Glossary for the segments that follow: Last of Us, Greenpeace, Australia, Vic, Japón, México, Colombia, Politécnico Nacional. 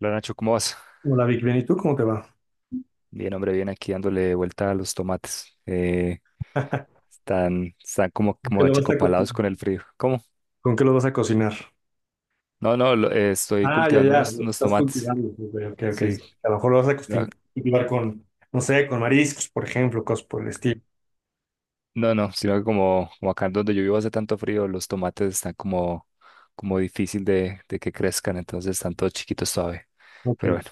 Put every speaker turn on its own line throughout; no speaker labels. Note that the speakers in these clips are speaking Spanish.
Hola Nacho, ¿cómo vas?
Hola Vic, bien, ¿y tú cómo te va?
Bien, hombre, bien aquí dándole vuelta a los tomates. Están como,
¿Con qué
como
lo vas a cocinar?
achicopalados con el frío. ¿Cómo?
¿Con qué lo vas a cocinar?
No, no, estoy
Ah, ya,
cultivando
ya, lo que
unos
estás
tomates.
cultivando. Ok, ok, ok.
Sí,
A lo mejor lo vas a
no,
cultivar con, no sé, con mariscos, por ejemplo, cosas por el estilo.
no, no, sino que como, como acá donde yo vivo hace tanto frío, los tomates están como difícil de que crezcan, entonces están todos chiquitos todavía.
Ok.
Pero bueno,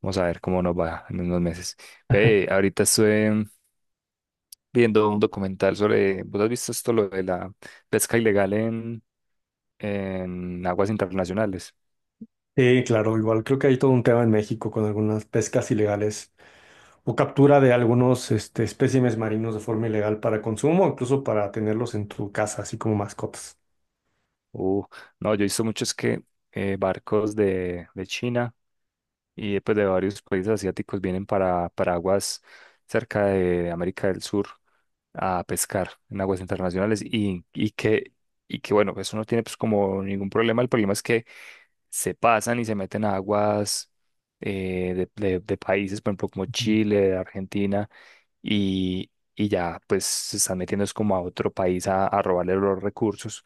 vamos a ver cómo nos va en unos meses. Ve, ahorita estoy viendo un documental sobre, ¿vos has visto esto, lo de la pesca ilegal en aguas internacionales?
Sí, claro, igual creo que hay todo un tema en México con algunas pescas ilegales o captura de algunos este, espécimes marinos de forma ilegal para consumo, incluso para tenerlos en tu casa, así como mascotas.
Uh, no, yo he visto muchos que barcos de China y pues, de varios países asiáticos vienen para aguas cerca de América del Sur a pescar en aguas internacionales y que bueno, eso no tiene pues como ningún problema. El problema es que se pasan y se meten a aguas de países, por ejemplo, como
Ujú,
Chile, Argentina, y ya pues se están metiendo es como a otro país a robarle los recursos,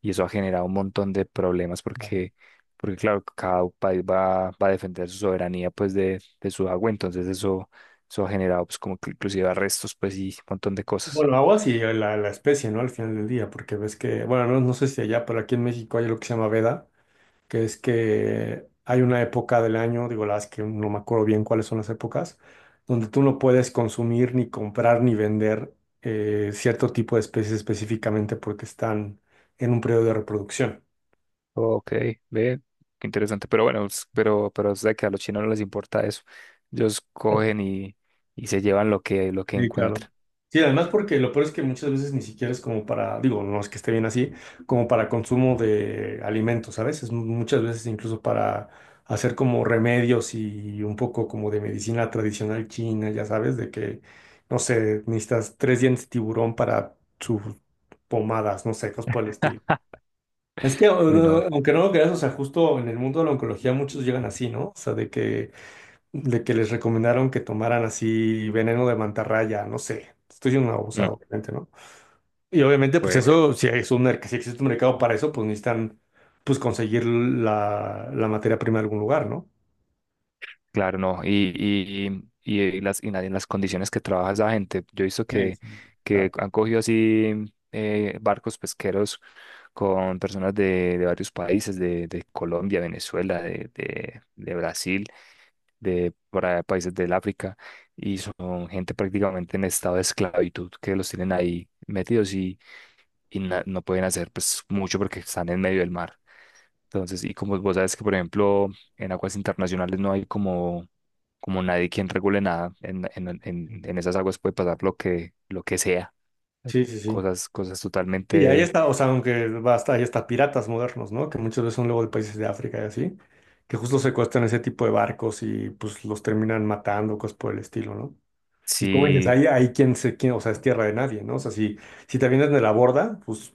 y eso ha generado un montón de problemas
claro.
porque, porque claro, cada país va a defender su soberanía pues de su agua. Entonces, eso ha generado pues como que inclusive arrestos pues y un montón de cosas.
Bueno, aguas y la especie, ¿no? Al final del día, porque ves que, bueno, no, no sé si allá, pero aquí en México hay lo que se llama veda, que es que hay una época del año, digo, la verdad es que no me acuerdo bien cuáles son las épocas, donde tú no puedes consumir, ni comprar, ni vender cierto tipo de especies específicamente porque están en un periodo de reproducción.
Ok, ve, qué interesante. Pero bueno, pero es de que a los chinos no les importa eso, ellos cogen y se llevan lo que
Sí, claro.
encuentran.
Sí, además porque lo peor es que muchas veces ni siquiera es como para, digo, no es que esté bien así, como para consumo de alimentos, ¿sabes? Es muchas veces incluso para hacer como remedios y un poco como de medicina tradicional china, ya sabes, de que, no sé, necesitas tres dientes de tiburón para sus pomadas, no sé, cosas por el estilo. Es que,
Uy, no.
aunque no lo creas, o sea, justo en el mundo de la oncología muchos llegan así, ¿no? O sea, de que les recomendaron que tomaran así veneno de mantarraya, no sé. Estoy siendo un
Mm.
abusado, obviamente, ¿no? Y obviamente, pues eso, si es un, si existe un mercado para eso, pues necesitan, pues conseguir la materia prima de algún lugar, ¿no?
Claro, no. En las condiciones que trabaja esa gente, yo he visto que
La-
han cogido así barcos pesqueros con personas de varios países, de Colombia, Venezuela, de Brasil, de para países del África, y son gente prácticamente en estado de esclavitud que los tienen ahí metidos, y no pueden hacer pues mucho porque están en medio del mar. Entonces, y como vos sabes que, por ejemplo, en aguas internacionales no hay como, como nadie quien regule nada. En esas aguas puede pasar lo que sea.
Sí, sí, sí.
Cosas, cosas
Y ahí
totalmente.
está, o sea, aunque basta, ahí está piratas modernos, ¿no? Que muchas veces son luego de países de África y así, que justo secuestran ese tipo de barcos y pues los terminan matando, cosas por el estilo, ¿no? Y como dices,
Sí.
ahí quien se, quien, o sea, es tierra de nadie, ¿no? O sea, si, si te vienes de la borda, pues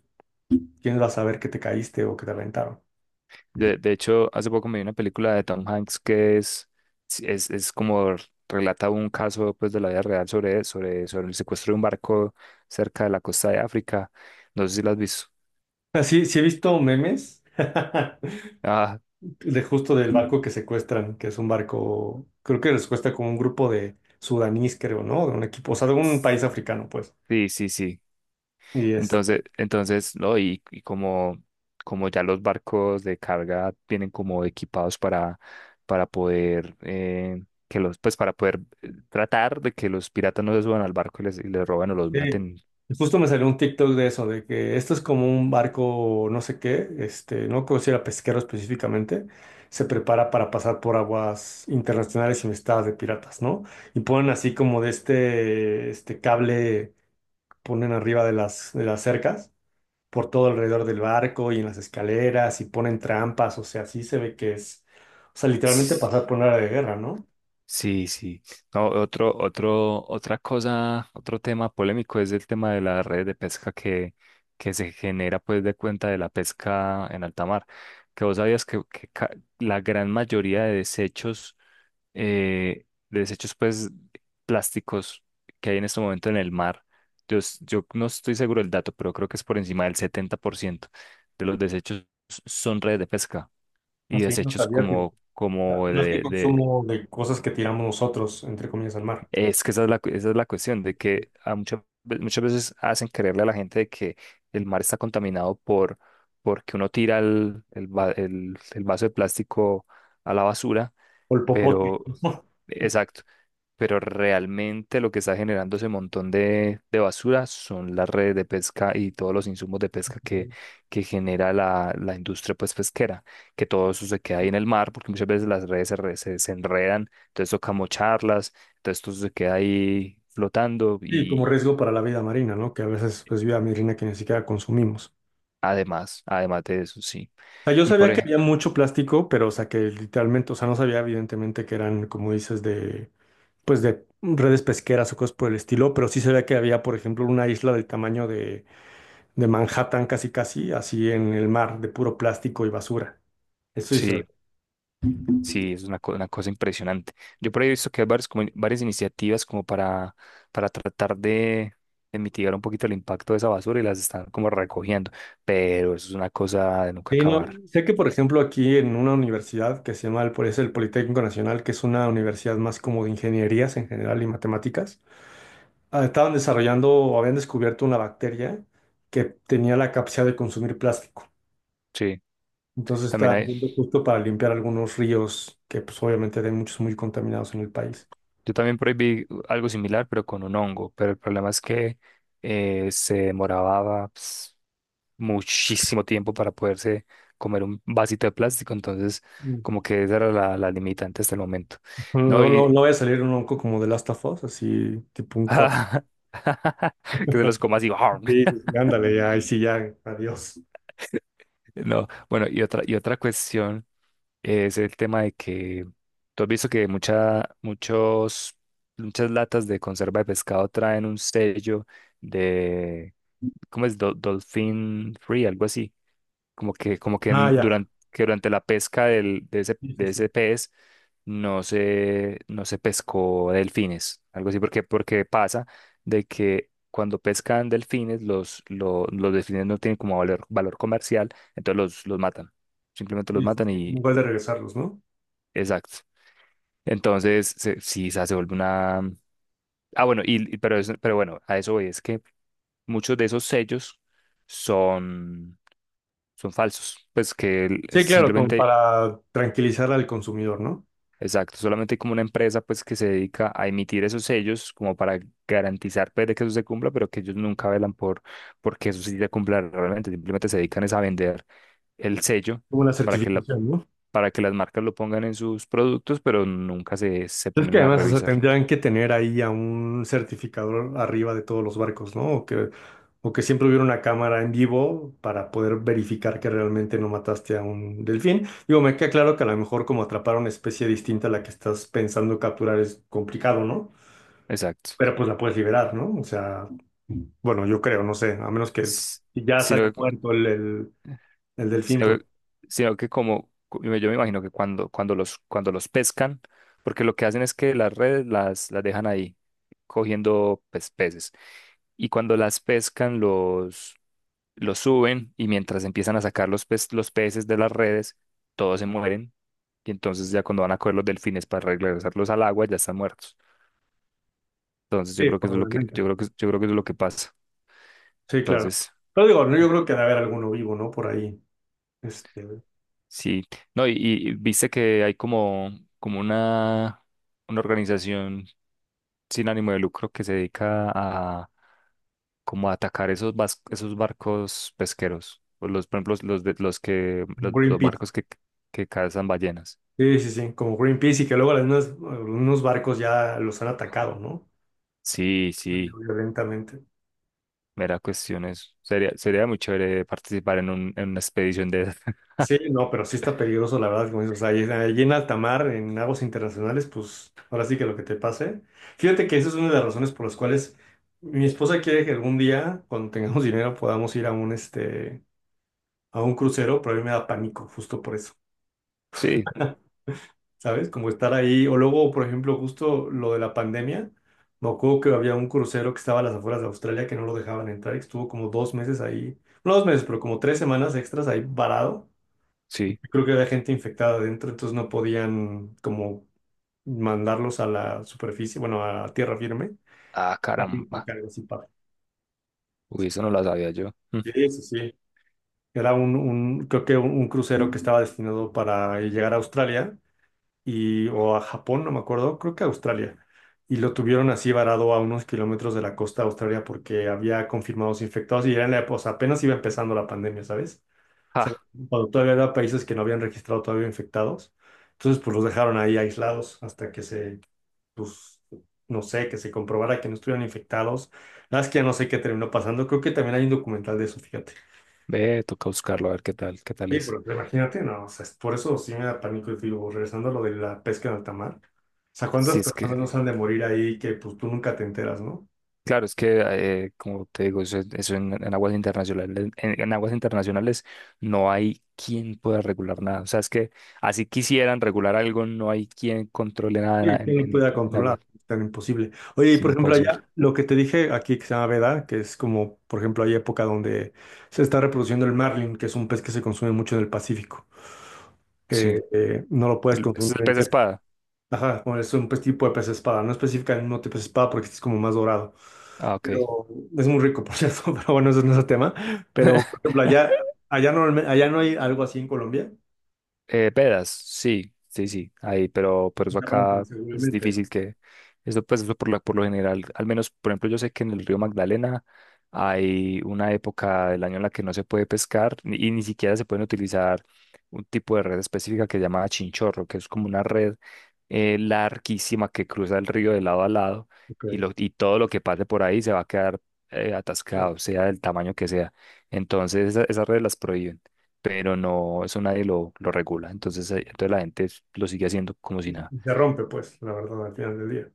¿quién va a saber que te caíste o que te reventaron?
De hecho, hace poco me vi una película de Tom Hanks que es, sí, es como, relata un caso pues, de la vida real sobre, sobre, sobre el secuestro de un barco cerca de la costa de África. No sé si la has visto.
Así, sí, sí he visto memes
Ah,
de justo del barco que secuestran, que es un barco, creo que les cuesta como un grupo de sudanís, creo, ¿no? De un equipo, o sea, de un país africano, pues.
sí, sí, sí.
Y este,
Entonces, no, como ya los barcos de carga vienen como equipados para poder que los, pues para poder tratar de que los piratas no se suban al barco y les roben o los
sí,
maten.
justo me salió un TikTok de eso, de que esto es como un barco, no sé qué, este, no creo si era pesquero específicamente, se prepara para pasar por aguas internacionales infestadas de piratas, ¿no? Y ponen así como de este, este cable. Ponen arriba de de las cercas, por todo alrededor del barco y en las escaleras y ponen trampas, o sea, sí se ve que es, o sea, literalmente
S-
pasar por una área de guerra, ¿no?
Sí, sí. No, otra cosa, otro tema polémico es el tema de la red de pesca que se genera pues de cuenta de la pesca en alta mar. Que vos sabías que ca- La gran mayoría de desechos eh, de desechos pues plásticos que hay en este momento en el mar. Yo no estoy seguro del dato, pero creo que es por encima del 70% de los desechos son redes de pesca y
Así, no
desechos
sabía que,
como, como
no es que
de, de-
consumo de cosas que tiramos nosotros, entre comillas, al mar,
Es que esa es la, esa es la cuestión, de que muchas veces hacen creerle a la gente de que el mar está contaminado por, porque uno tira el vaso de plástico a la basura,
o el popote.
pero exacto. Pero realmente lo que está generando ese montón de basura son las redes de pesca y todos los insumos de pesca que genera la industria pues, pesquera, que todo eso se queda ahí en el mar, porque muchas veces las redes se enredan, entonces toca mocharlas, entonces todo eso se queda ahí flotando
Y como
y
riesgo para la vida marina, ¿no? Que a veces, pues, vida marina que ni siquiera consumimos.
además, además de eso, sí.
O sea, yo
Y por
sabía que
ejemplo,
había mucho plástico, pero, o sea, que literalmente, o sea, no sabía evidentemente que eran, como dices, de, pues de redes pesqueras o cosas por el estilo, pero sí se veía que había, por ejemplo, una isla del tamaño de Manhattan, casi casi, así en el mar, de puro plástico y basura. Eso sí se
sí, es una, una cosa impresionante. Yo por ahí he visto que hay varias, como, varias iniciativas como para tratar de mitigar un poquito el impacto de esa basura y las están como recogiendo, pero eso es una cosa de nunca
Sí, no,
acabar.
sé que, por ejemplo, aquí en una universidad que se llama el, es el Politécnico Nacional, que es una universidad más como de ingenierías en general y matemáticas, ah, estaban desarrollando o habían descubierto una bacteria que tenía la capacidad de consumir plástico.
Sí,
Entonces
también
está
hay,
viendo justo para limpiar algunos ríos que pues obviamente hay muchos muy contaminados en el país.
yo también por ahí vi algo similar, pero con un hongo. Pero el problema es que se demoraba pues, muchísimo tiempo para poderse comer un vasito de plástico, entonces
Mm.
como que esa era la, la limitante hasta el momento. No,
No, no,
y,
no vaya a salir un onco como de Last of Us, así tipo un corte.
que se los coma así.
Sí, sí, sí, ándale, ya, ahí sí, ya, adiós.
No, bueno, y otra cuestión es el tema de que tú has visto que mucha, muchos, muchas latas de conserva de pescado traen un sello de, ¿cómo es? Dolphin Free, algo así. Como
Ah, ya.
que durante la pesca
Sí, sí,
de
sí,
ese pez no se, no se pescó delfines, algo así, porque, porque pasa de que cuando pescan delfines, los delfines no tienen como valor, valor comercial, entonces los matan. Simplemente los
sí, sí,
matan
sí, un
y...
gol de regresarlos, ¿no?
Exacto. Entonces, sí, o sea, se vuelve una... Ah, bueno, pero, pero bueno, a eso voy. Es que muchos de esos sellos son, son falsos. Pues que el-
Sí, claro, como
simplemente,
para tranquilizar al consumidor, ¿no?
exacto, solamente hay como una empresa pues que se dedica a emitir esos sellos como para garantizar pues, de que eso se cumpla, pero que ellos nunca velan por que eso sí se cumpla realmente. Simplemente se dedican es a vender el sello
Como una
para que la,
certificación.
para que las marcas lo pongan en sus productos, pero nunca se, se
Es que
ponen a
además, o sea,
revisar.
tendrían que tener ahí a un certificador arriba de todos los barcos, ¿no? O que siempre hubiera una cámara en vivo para poder verificar que realmente no mataste a un delfín. Digo, me queda claro que a lo mejor como atrapar una especie distinta a la que estás pensando capturar es complicado, ¿no?
Exacto.
Pero pues la puedes liberar, ¿no? O sea, bueno, yo creo, no sé, a menos que
S-
ya sale
Sino que,
muerto el delfín. Pues,
sino que, sino que como yo me imagino que cuando, cuando los pescan, porque lo que hacen es que las redes las dejan ahí cogiendo pues, peces. Y cuando las pescan, los suben y mientras empiezan a sacar los peces de las redes, todos se mueren. Y entonces ya cuando van a coger los delfines para regresarlos al agua, ya están muertos. Entonces yo
sí,
creo que eso es lo que,
probablemente.
yo creo que, yo creo que eso es lo que pasa.
Sí, claro.
Entonces,
Pero digo, no, yo creo que debe haber alguno vivo, ¿no? Por ahí. Este,
sí. No, y viste que hay como, como una organización sin ánimo de lucro que se dedica a como a atacar esos barcos pesqueros. O los, por ejemplo, los de, los que, los
Greenpeace.
barcos que cazan ballenas.
Sí, sí, sí, como Greenpeace y que luego algunos, algunos barcos ya los han atacado, ¿no?
Sí, sí,
Violentamente.
mera cuestión es. Sería, sería muy chévere participar en un, en una expedición de esas.
Sí, no, pero sí está peligroso, la verdad, como dices, o sea, allí en alta mar, en aguas internacionales, pues ahora sí que lo que te pase. Fíjate que esa es una de las razones por las cuales mi esposa quiere que algún día, cuando tengamos dinero, podamos ir a un, este, a un crucero, pero a mí me da pánico, justo por eso.
Sí,
¿Sabes? Como estar ahí. O luego, por ejemplo, justo lo de la pandemia, me acuerdo que había un crucero que estaba a las afueras de Australia que no lo dejaban entrar y estuvo como dos meses ahí, no dos meses, pero como tres semanas extras ahí varado.
sí.
Creo que había gente infectada adentro, entonces no podían como mandarlos a la superficie, bueno, a tierra firme.
Ah,
Pánico,
caramba.
que algo así pasa.
Uy, eso no lo sabía yo. Mm.
Sí, sí, sí. Era un- creo que un crucero que estaba destinado para llegar a Australia y, o a Japón, no me acuerdo, creo que a Australia. Y lo tuvieron así varado a unos kilómetros de la costa de Australia porque había confirmados infectados y era en la época, o sea, apenas iba empezando la pandemia, ¿sabes? O sea, cuando todavía había países que no habían registrado todavía infectados. Entonces, pues los dejaron ahí aislados hasta que se, pues, no sé, que se comprobara que no estuvieran infectados. La verdad es que ya no sé qué terminó pasando. Creo que también hay un documental de eso, fíjate.
Ve, toca buscarlo a ver qué tal
Sí,
es.
pero imagínate, no, o sea, es- por eso sí me da pánico y digo, regresando a lo de la pesca en alta mar, o sea,
Si
¿cuántas
es
personas
que,
no se han de morir ahí que pues tú nunca te enteras, ¿no?
claro, es que, como te digo, eso en aguas internacionales no hay quien pueda regular nada. O sea, es que así quisieran regular algo, no hay quien controle nada
Sí, ¿quién lo pudiera
en aguas.
controlar? Es tan imposible. Oye, y
Es
por ejemplo
imposible.
allá, lo que te dije aquí que se llama veda, que es como, por ejemplo, hay época donde se está reproduciendo el marlin, que es un pez que se consume mucho en el Pacífico,
Sí.
que no lo puedes consumir
¿Ese es el
en
pez espada?
Ajá, bueno, es un pues, tipo de pez espada, no especifica el mismo tipo de espada porque este es como más dorado,
Ah, ok.
pero es muy rico, por cierto, pero bueno, eso no es el tema, pero por ejemplo, allá, allá, allá no hay algo así en Colombia,
Vedas, sí, sí, sí, ahí, pero
y
eso
se rompen
acá es
seguramente, ¿no?
difícil que, eso pues eso por lo general, al menos, por ejemplo, yo sé que en el río Magdalena hay una época del año en la que no se puede pescar ni ni siquiera se pueden utilizar un tipo de red específica que se llama chinchorro, que es como una red larguísima que cruza el río de lado a lado y, lo,
Ok.
y todo lo que pase por ahí se va a quedar
Oh,
atascado, sea del tamaño que sea. Entonces, esas redes las prohíben, pero no, eso nadie lo, lo regula. Entonces, entonces la gente lo sigue haciendo como si nada.
y se rompe pues, la verdad, al final del día.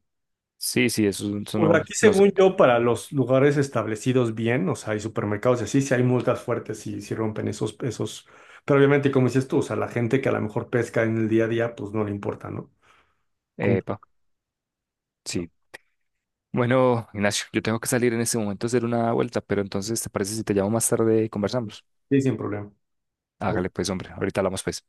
Sí, sí, eso
O
no,
sea, aquí
no sé.
según yo, para los lugares establecidos bien, o sea, hay supermercados y así, sí hay multas fuertes si, si rompen esos, esos, pero obviamente, como dices tú, o sea, la gente que a lo mejor pesca en el día a día, pues no le importa, ¿no? Cumple,
Epa, sí. Bueno, Ignacio, yo tengo que salir en este momento a hacer una vuelta, pero entonces, ¿te parece si te llamo más tarde y conversamos?
sí, sin problema.
Hágale
Ok.
pues, hombre, ahorita hablamos pues.